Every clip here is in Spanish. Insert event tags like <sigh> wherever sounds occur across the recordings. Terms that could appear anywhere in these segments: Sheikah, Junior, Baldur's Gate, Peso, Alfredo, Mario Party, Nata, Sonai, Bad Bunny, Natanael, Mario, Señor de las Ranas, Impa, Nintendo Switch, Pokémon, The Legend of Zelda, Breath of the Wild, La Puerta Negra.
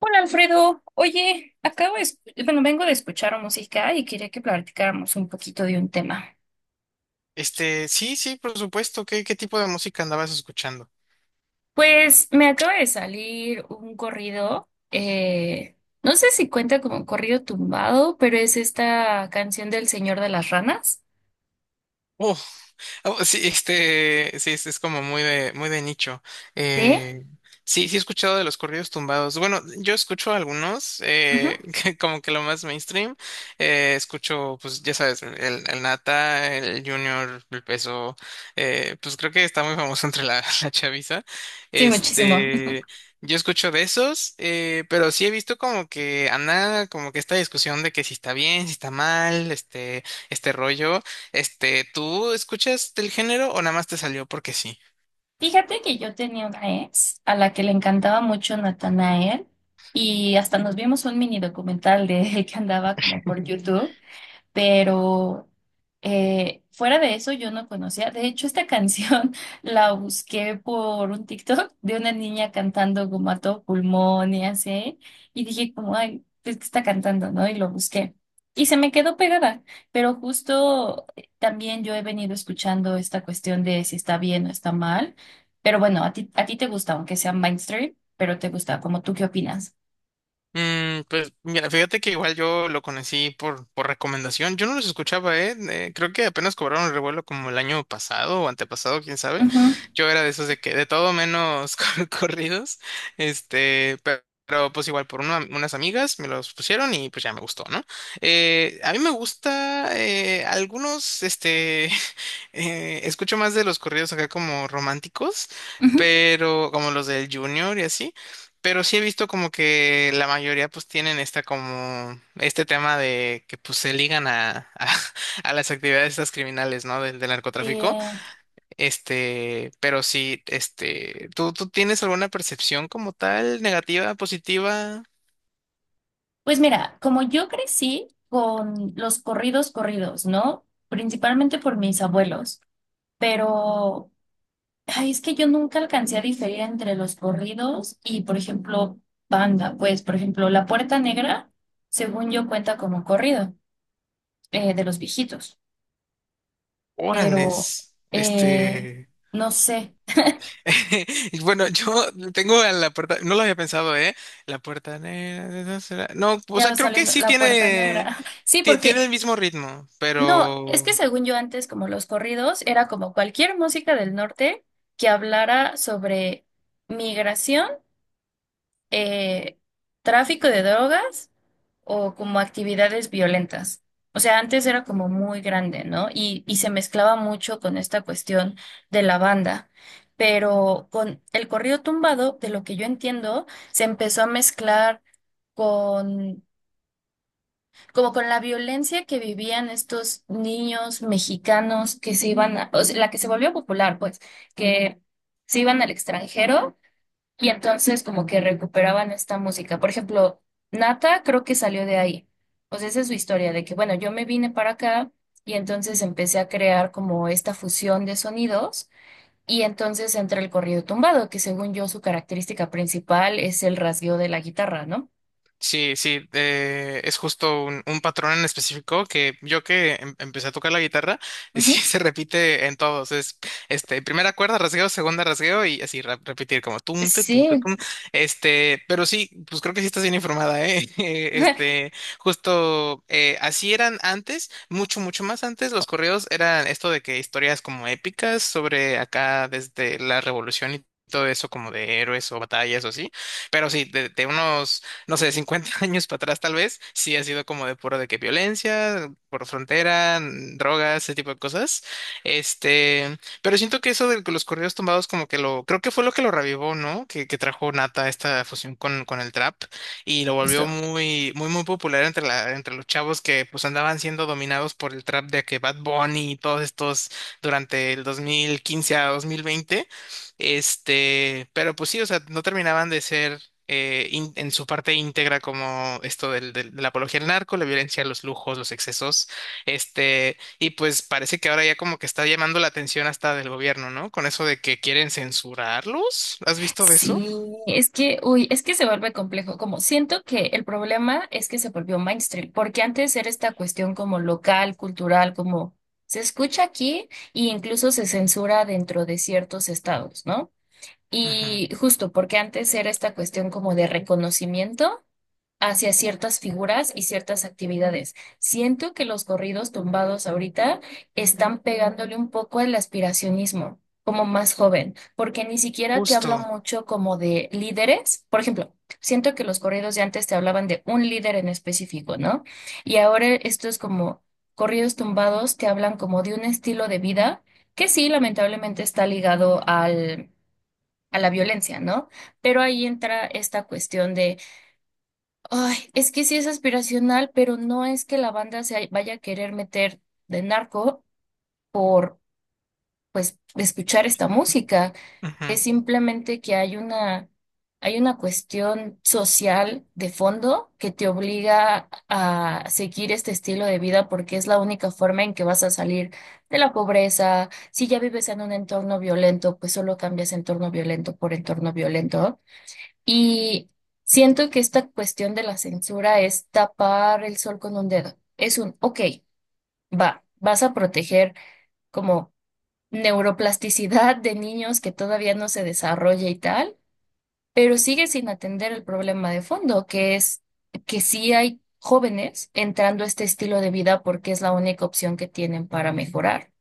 Hola Alfredo, oye, bueno, vengo de escuchar música y quería que platicáramos un poquito de un tema. Sí, sí, por supuesto. ¿Qué, qué tipo de música andabas escuchando? Pues me acaba de salir un corrido, no sé si cuenta como corrido tumbado, pero es esta canción del Señor de las Ranas. Oh. Oh, sí, sí, es como muy de nicho. ¿Sí? Eh, sí, sí he escuchado de los corridos tumbados. Bueno, yo escucho algunos, Ujú. <laughs> que como que lo más mainstream. Escucho, pues, ya sabes, el Nata, el Junior, el Peso. Pues creo que está muy famoso entre <laughs> la chaviza. Sí, muchísimo. <laughs> Este, yo escucho de esos, pero sí he visto como que anda, como que esta discusión de que si está bien, si está mal, este rollo. ¿Tú escuchas del género o nada más te salió porque sí? Fíjate que yo tenía una ex a la que le encantaba mucho Natanael y hasta nos vimos un mini documental de <laughs> él que andaba como <laughs> por YouTube. Pero fuera de eso yo no conocía. De hecho, esta canción <laughs> la busqué por un TikTok de una niña cantando como a todo pulmón y así. Y dije como, ay, pues que está cantando, ¿no? Y lo busqué. Y se me quedó pegada. Pero justo también yo he venido escuchando esta cuestión de si está bien o está mal. Pero bueno, a ti te gusta, aunque sea mainstream, pero te gusta. Como tú, ¿qué opinas? Pues mira, fíjate que igual yo lo conocí por recomendación. Yo no los escuchaba, ¿eh? Creo que apenas cobraron el revuelo como el año pasado o antepasado, quién sabe. Ujú, Yo era de esos de que de todo menos <laughs> corridos. Pero, pues igual por unas amigas me los pusieron y pues ya me gustó, ¿no? A mí me gusta algunos, <laughs> escucho más de los corridos acá como románticos. ujú. Pero como los del Junior y así, pero sí he visto como que la mayoría pues tienen esta como este tema de que pues se ligan a, <laughs> a las actividades estas criminales, ¿no? Del, del narcotráfico. Eh, Pero sí, ¿tú, tú tienes alguna percepción como tal, negativa, positiva? Pues mira, como yo crecí con los corridos corridos, ¿no? Principalmente por mis abuelos, pero ay, es que yo nunca alcancé a diferir entre los corridos y, por ejemplo, banda. Pues, por ejemplo, La Puerta Negra, según yo, cuenta como corrido de los viejitos, pero Órales, eh, no sé, <laughs> y bueno, yo tengo a la puerta, no lo había pensado, ¿eh? La puerta negra, de esa no, o ya sea, va creo que saliendo sí La Puerta tiene, Negra. <laughs> Sí, porque tiene el mismo ritmo, no, es pero que según yo antes, como los corridos, era como cualquier música del norte que hablara sobre migración, eh, tráfico de drogas o como actividades violentas. O sea, antes era como muy grande, ¿no? Y se mezclaba mucho con esta cuestión de la banda. Pero con el corrido tumbado, de lo que yo entiendo, se empezó a mezclar con como con la violencia que vivían estos niños mexicanos que se iban, o sea, la que se volvió popular, pues, que se iban al extranjero y entonces como que recuperaban esta música. Por ejemplo, Nata creo que salió de ahí. O sea, esa es su historia de que, bueno, yo me vine para acá y entonces empecé a crear como esta fusión de sonidos y entonces entra el corrido tumbado, que según yo su característica principal es el rasgueo de la guitarra, ¿no? sí, sí, es justo un patrón en específico que yo que empecé a tocar la guitarra, <laughs> sí Ujú. se repite en todos. Es este primera cuerda, rasgueo, segunda rasgueo y así repetir como tunte, tunte, Sí. tum. Pero sí, pues creo que sí estás bien informada, ¿eh? <laughs> <laughs> Justo así eran antes, mucho, mucho más antes. Los correos eran esto de que historias como épicas sobre acá desde la revolución y todo eso como de héroes o batallas o así. Pero sí, de unos no sé, 50 <laughs> años para atrás tal vez, sí ha sido como de puro de que violencia, por frontera, drogas, ese tipo de cosas. Pero siento que eso de los corridos tumbados como que lo, creo que fue lo que lo revivó, ¿no? Que trajo Nata esta fusión con el trap y lo volvió Justo. muy, muy, muy popular entre la, entre los chavos que pues andaban siendo dominados por el trap de que Bad Bunny y todos estos durante el 2015 a 2020. Pero pues sí, o sea, no terminaban de ser en su parte íntegra como esto del, de la apología al narco, la violencia, los lujos, los excesos, y pues parece que ahora ya como que está llamando la atención hasta del gobierno, ¿no? Con eso de que quieren censurarlos, ¿has visto de eso? Sí, es que, uy, es que se vuelve complejo. Como siento que el problema es que se volvió mainstream, porque antes era esta cuestión como local, cultural, como se escucha aquí e incluso se censura dentro de ciertos estados, ¿no? Ujú. Y justo porque antes era esta cuestión como de reconocimiento hacia ciertas figuras y ciertas actividades. Siento que los corridos tumbados ahorita están pegándole un poco al aspiracionismo, como más joven, porque ni siquiera te habla Justo. mucho como de líderes. Por ejemplo, siento que los corridos de antes te hablaban de un líder en específico, ¿no? Y ahora estos como corridos tumbados te hablan como de un estilo de vida que sí, lamentablemente está ligado a la violencia, ¿no? Pero ahí entra esta cuestión de ay, es que sí es aspiracional, pero no es que la banda se vaya a querer meter de narco por, pues, escuchar esta música. Ujú. Es simplemente que hay hay una cuestión social de fondo que te obliga a seguir este estilo de vida porque es la única forma en que vas a salir de la pobreza. Si ya vives en un entorno violento, pues solo cambias entorno violento por entorno violento. Y siento que esta cuestión de la censura es tapar el sol con un dedo. Es un, ok, va, vas a proteger como neuroplasticidad de niños que todavía no se desarrolla y tal, pero sigue sin atender el problema de fondo, que es que sí hay jóvenes entrando a este estilo de vida porque es la única opción que tienen para mejorar.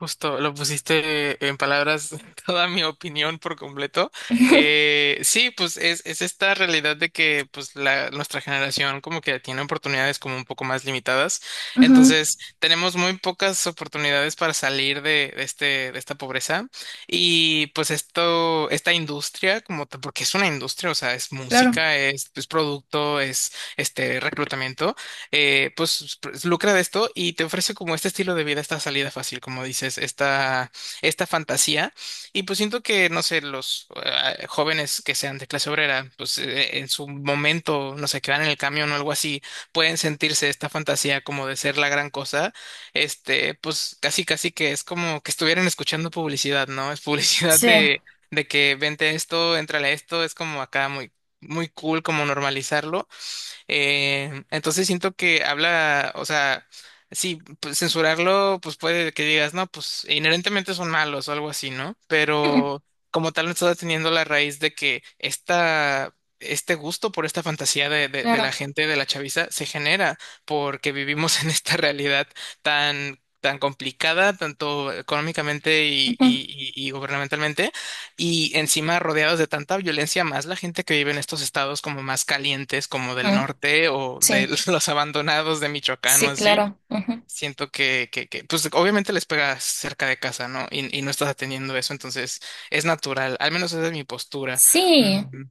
Justo, lo pusiste en palabras <laughs> toda mi opinión por completo. Sí, pues es esta realidad de que pues la, nuestra generación como que tiene oportunidades como un poco más limitadas. Ujú, Entonces, tenemos muy pocas oportunidades para salir de este, de esta pobreza. Y pues esto, esta industria, como porque es una industria, o sea, es claro. música, es producto, es este reclutamiento pues lucra de esto y te ofrece como este estilo de vida, esta salida fácil, como dices, esta fantasía. Y pues siento que, no sé, los jóvenes que sean de clase obrera, pues en su momento, no sé, que van en el camión o algo así, pueden sentirse esta fantasía como de ser la gran cosa. Pues casi, casi que es como que estuvieran escuchando publicidad, ¿no? Es publicidad Sí. De que vente esto, entrale a esto, es como acá muy, muy cool como normalizarlo. Entonces siento que habla, o sea, sí, pues, censurarlo, pues puede que digas, no, pues inherentemente son malos o algo así, ¿no? Ujú, Pero como tal, no está teniendo la raíz de que esta, este gusto por esta fantasía de la claro. gente, de la chaviza, se genera porque vivimos <laughs> en esta realidad tan tan complicada, tanto económicamente y, Ujú, y gubernamentalmente, y encima rodeados de tanta violencia, más la gente que vive en estos estados como más calientes, como del ujú. norte o Sí, de <laughs> los abandonados de Michoacán o sí, así, claro. Ujú. siento que, pues obviamente les pega cerca de casa, ¿no? Y no estás atendiendo eso, entonces es natural, al menos esa es mi postura. Sí. Mm,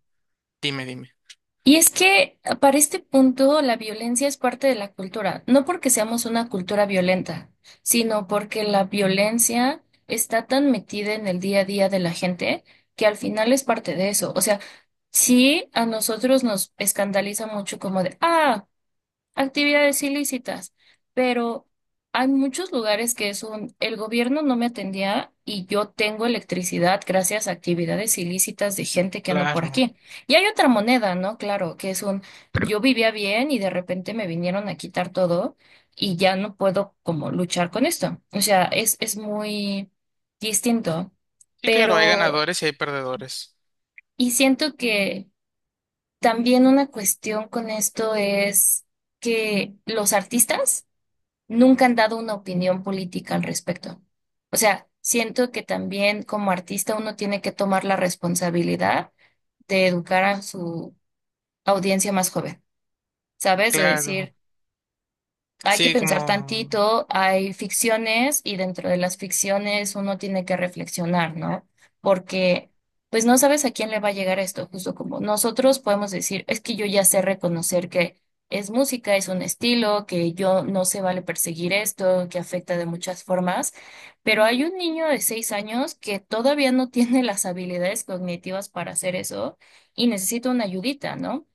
Dime, dime. Y es que para este punto la violencia es parte de la cultura, no porque seamos una cultura violenta, sino porque la violencia está tan metida en el día a día de la gente que al final es parte de eso. O sea, sí a nosotros nos escandaliza mucho como de, ah, actividades ilícitas, pero hay muchos lugares que es un, el gobierno no me atendía y yo tengo electricidad gracias a actividades ilícitas de gente que anda por Claro. aquí. Y hay otra moneda, ¿no? Claro, que es un, yo vivía bien y de repente me vinieron a quitar todo y ya no puedo como luchar con esto. O sea, es muy distinto, Sí, claro, hay pero, ganadores y hay perdedores. y siento que también una cuestión con esto es que los artistas nunca han dado una opinión política al respecto. O sea, siento que también como artista uno tiene que tomar la responsabilidad de educar a su audiencia más joven, ¿sabes? De Claro. decir, hay que Sí, pensar como, tantito, hay ficciones y dentro de las ficciones uno tiene que reflexionar, ¿no? Porque pues no sabes a quién le va a llegar esto, justo como nosotros podemos decir, es que yo ya sé reconocer que es música, es un estilo, que yo no se vale perseguir esto, que afecta de muchas formas, pero hay un niño de 6 años que todavía no tiene las habilidades cognitivas para hacer eso y necesita una ayudita, ¿no?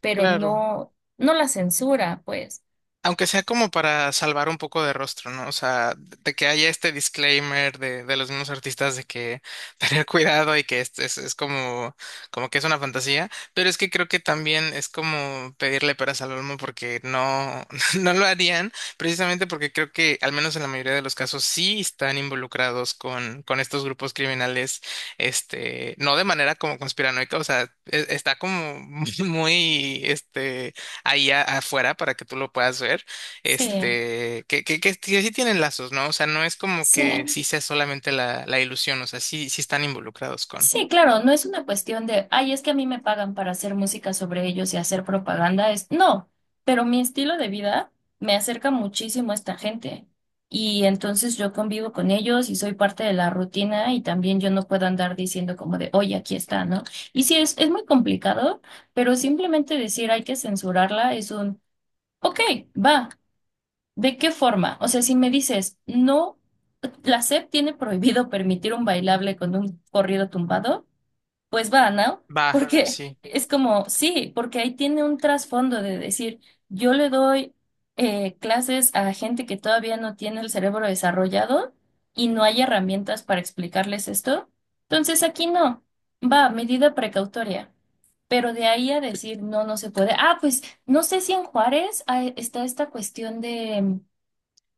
Pero claro. no, no la censura, pues. Aunque sea como para salvar un poco de rostro, ¿no? O sea, de que haya este disclaimer de los mismos artistas de que <laughs> tener cuidado y que es como, como que es una fantasía, pero es que creo que también es como pedirle peras al olmo porque no, <laughs> no lo harían, precisamente porque creo que al menos en la mayoría de los casos sí están involucrados con estos grupos criminales, no de manera como conspiranoica, o sea, está como <laughs> muy, ahí afuera para que tú lo puedas ver, Sí. Que sí tienen lazos, ¿no? O sea, no es como que Sí, sí sea solamente la, la ilusión, o sea, sí, sí están involucrados con. sí, claro, no es una cuestión de, ay, es que a mí me pagan para hacer música sobre ellos y hacer propaganda, es, no, pero mi estilo de vida me acerca muchísimo a esta gente y entonces yo convivo con ellos y soy parte de la rutina y también yo no puedo andar diciendo como de, oye, aquí está, ¿no? Y sí, es muy complicado, pero simplemente decir hay que censurarla es un, ok, va. ¿De qué forma? O sea, si me dices, no, la SEP tiene prohibido permitir un bailable con un corrido tumbado, pues va, ¿no? Va, Porque sí. es como, sí, porque ahí tiene un trasfondo de decir, yo le doy clases a gente que todavía no tiene el cerebro desarrollado y no hay herramientas para explicarles esto. Entonces aquí no, va, medida precautoria. Pero de ahí a decir, no, no se puede. Ah, pues no sé si en Juárez está esta cuestión de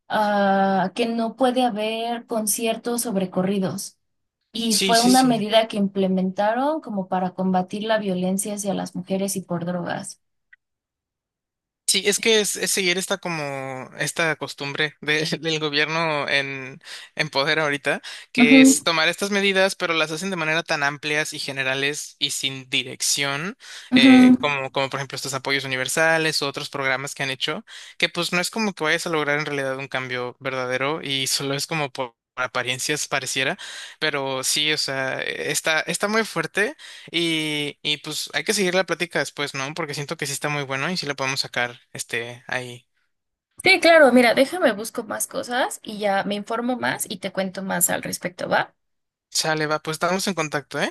ah, que no puede haber conciertos sobre corridos. Y Sí, fue Sí, sí, una sí. medida que implementaron como para combatir la violencia hacia las mujeres y por drogas. Sí, es que es seguir esta como esta costumbre <laughs> del gobierno en poder ahorita, que es Ujú, tomar estas medidas, pero las hacen de manera tan amplias y generales y sin dirección, ujú. Como, como por ejemplo estos apoyos universales u otros programas que han hecho, que pues no es como que vayas a lograr en realidad un cambio verdadero y solo es como por apariencias pareciera, pero sí, o sea, está, está muy fuerte y pues hay que seguir la plática después, ¿no? Porque siento que sí está muy bueno y sí la podemos sacar, ahí. Sí, claro, mira, déjame busco más cosas y ya me informo más y te cuento más al respecto, ¿va? Sale, va, pues estamos en contacto, ¿eh?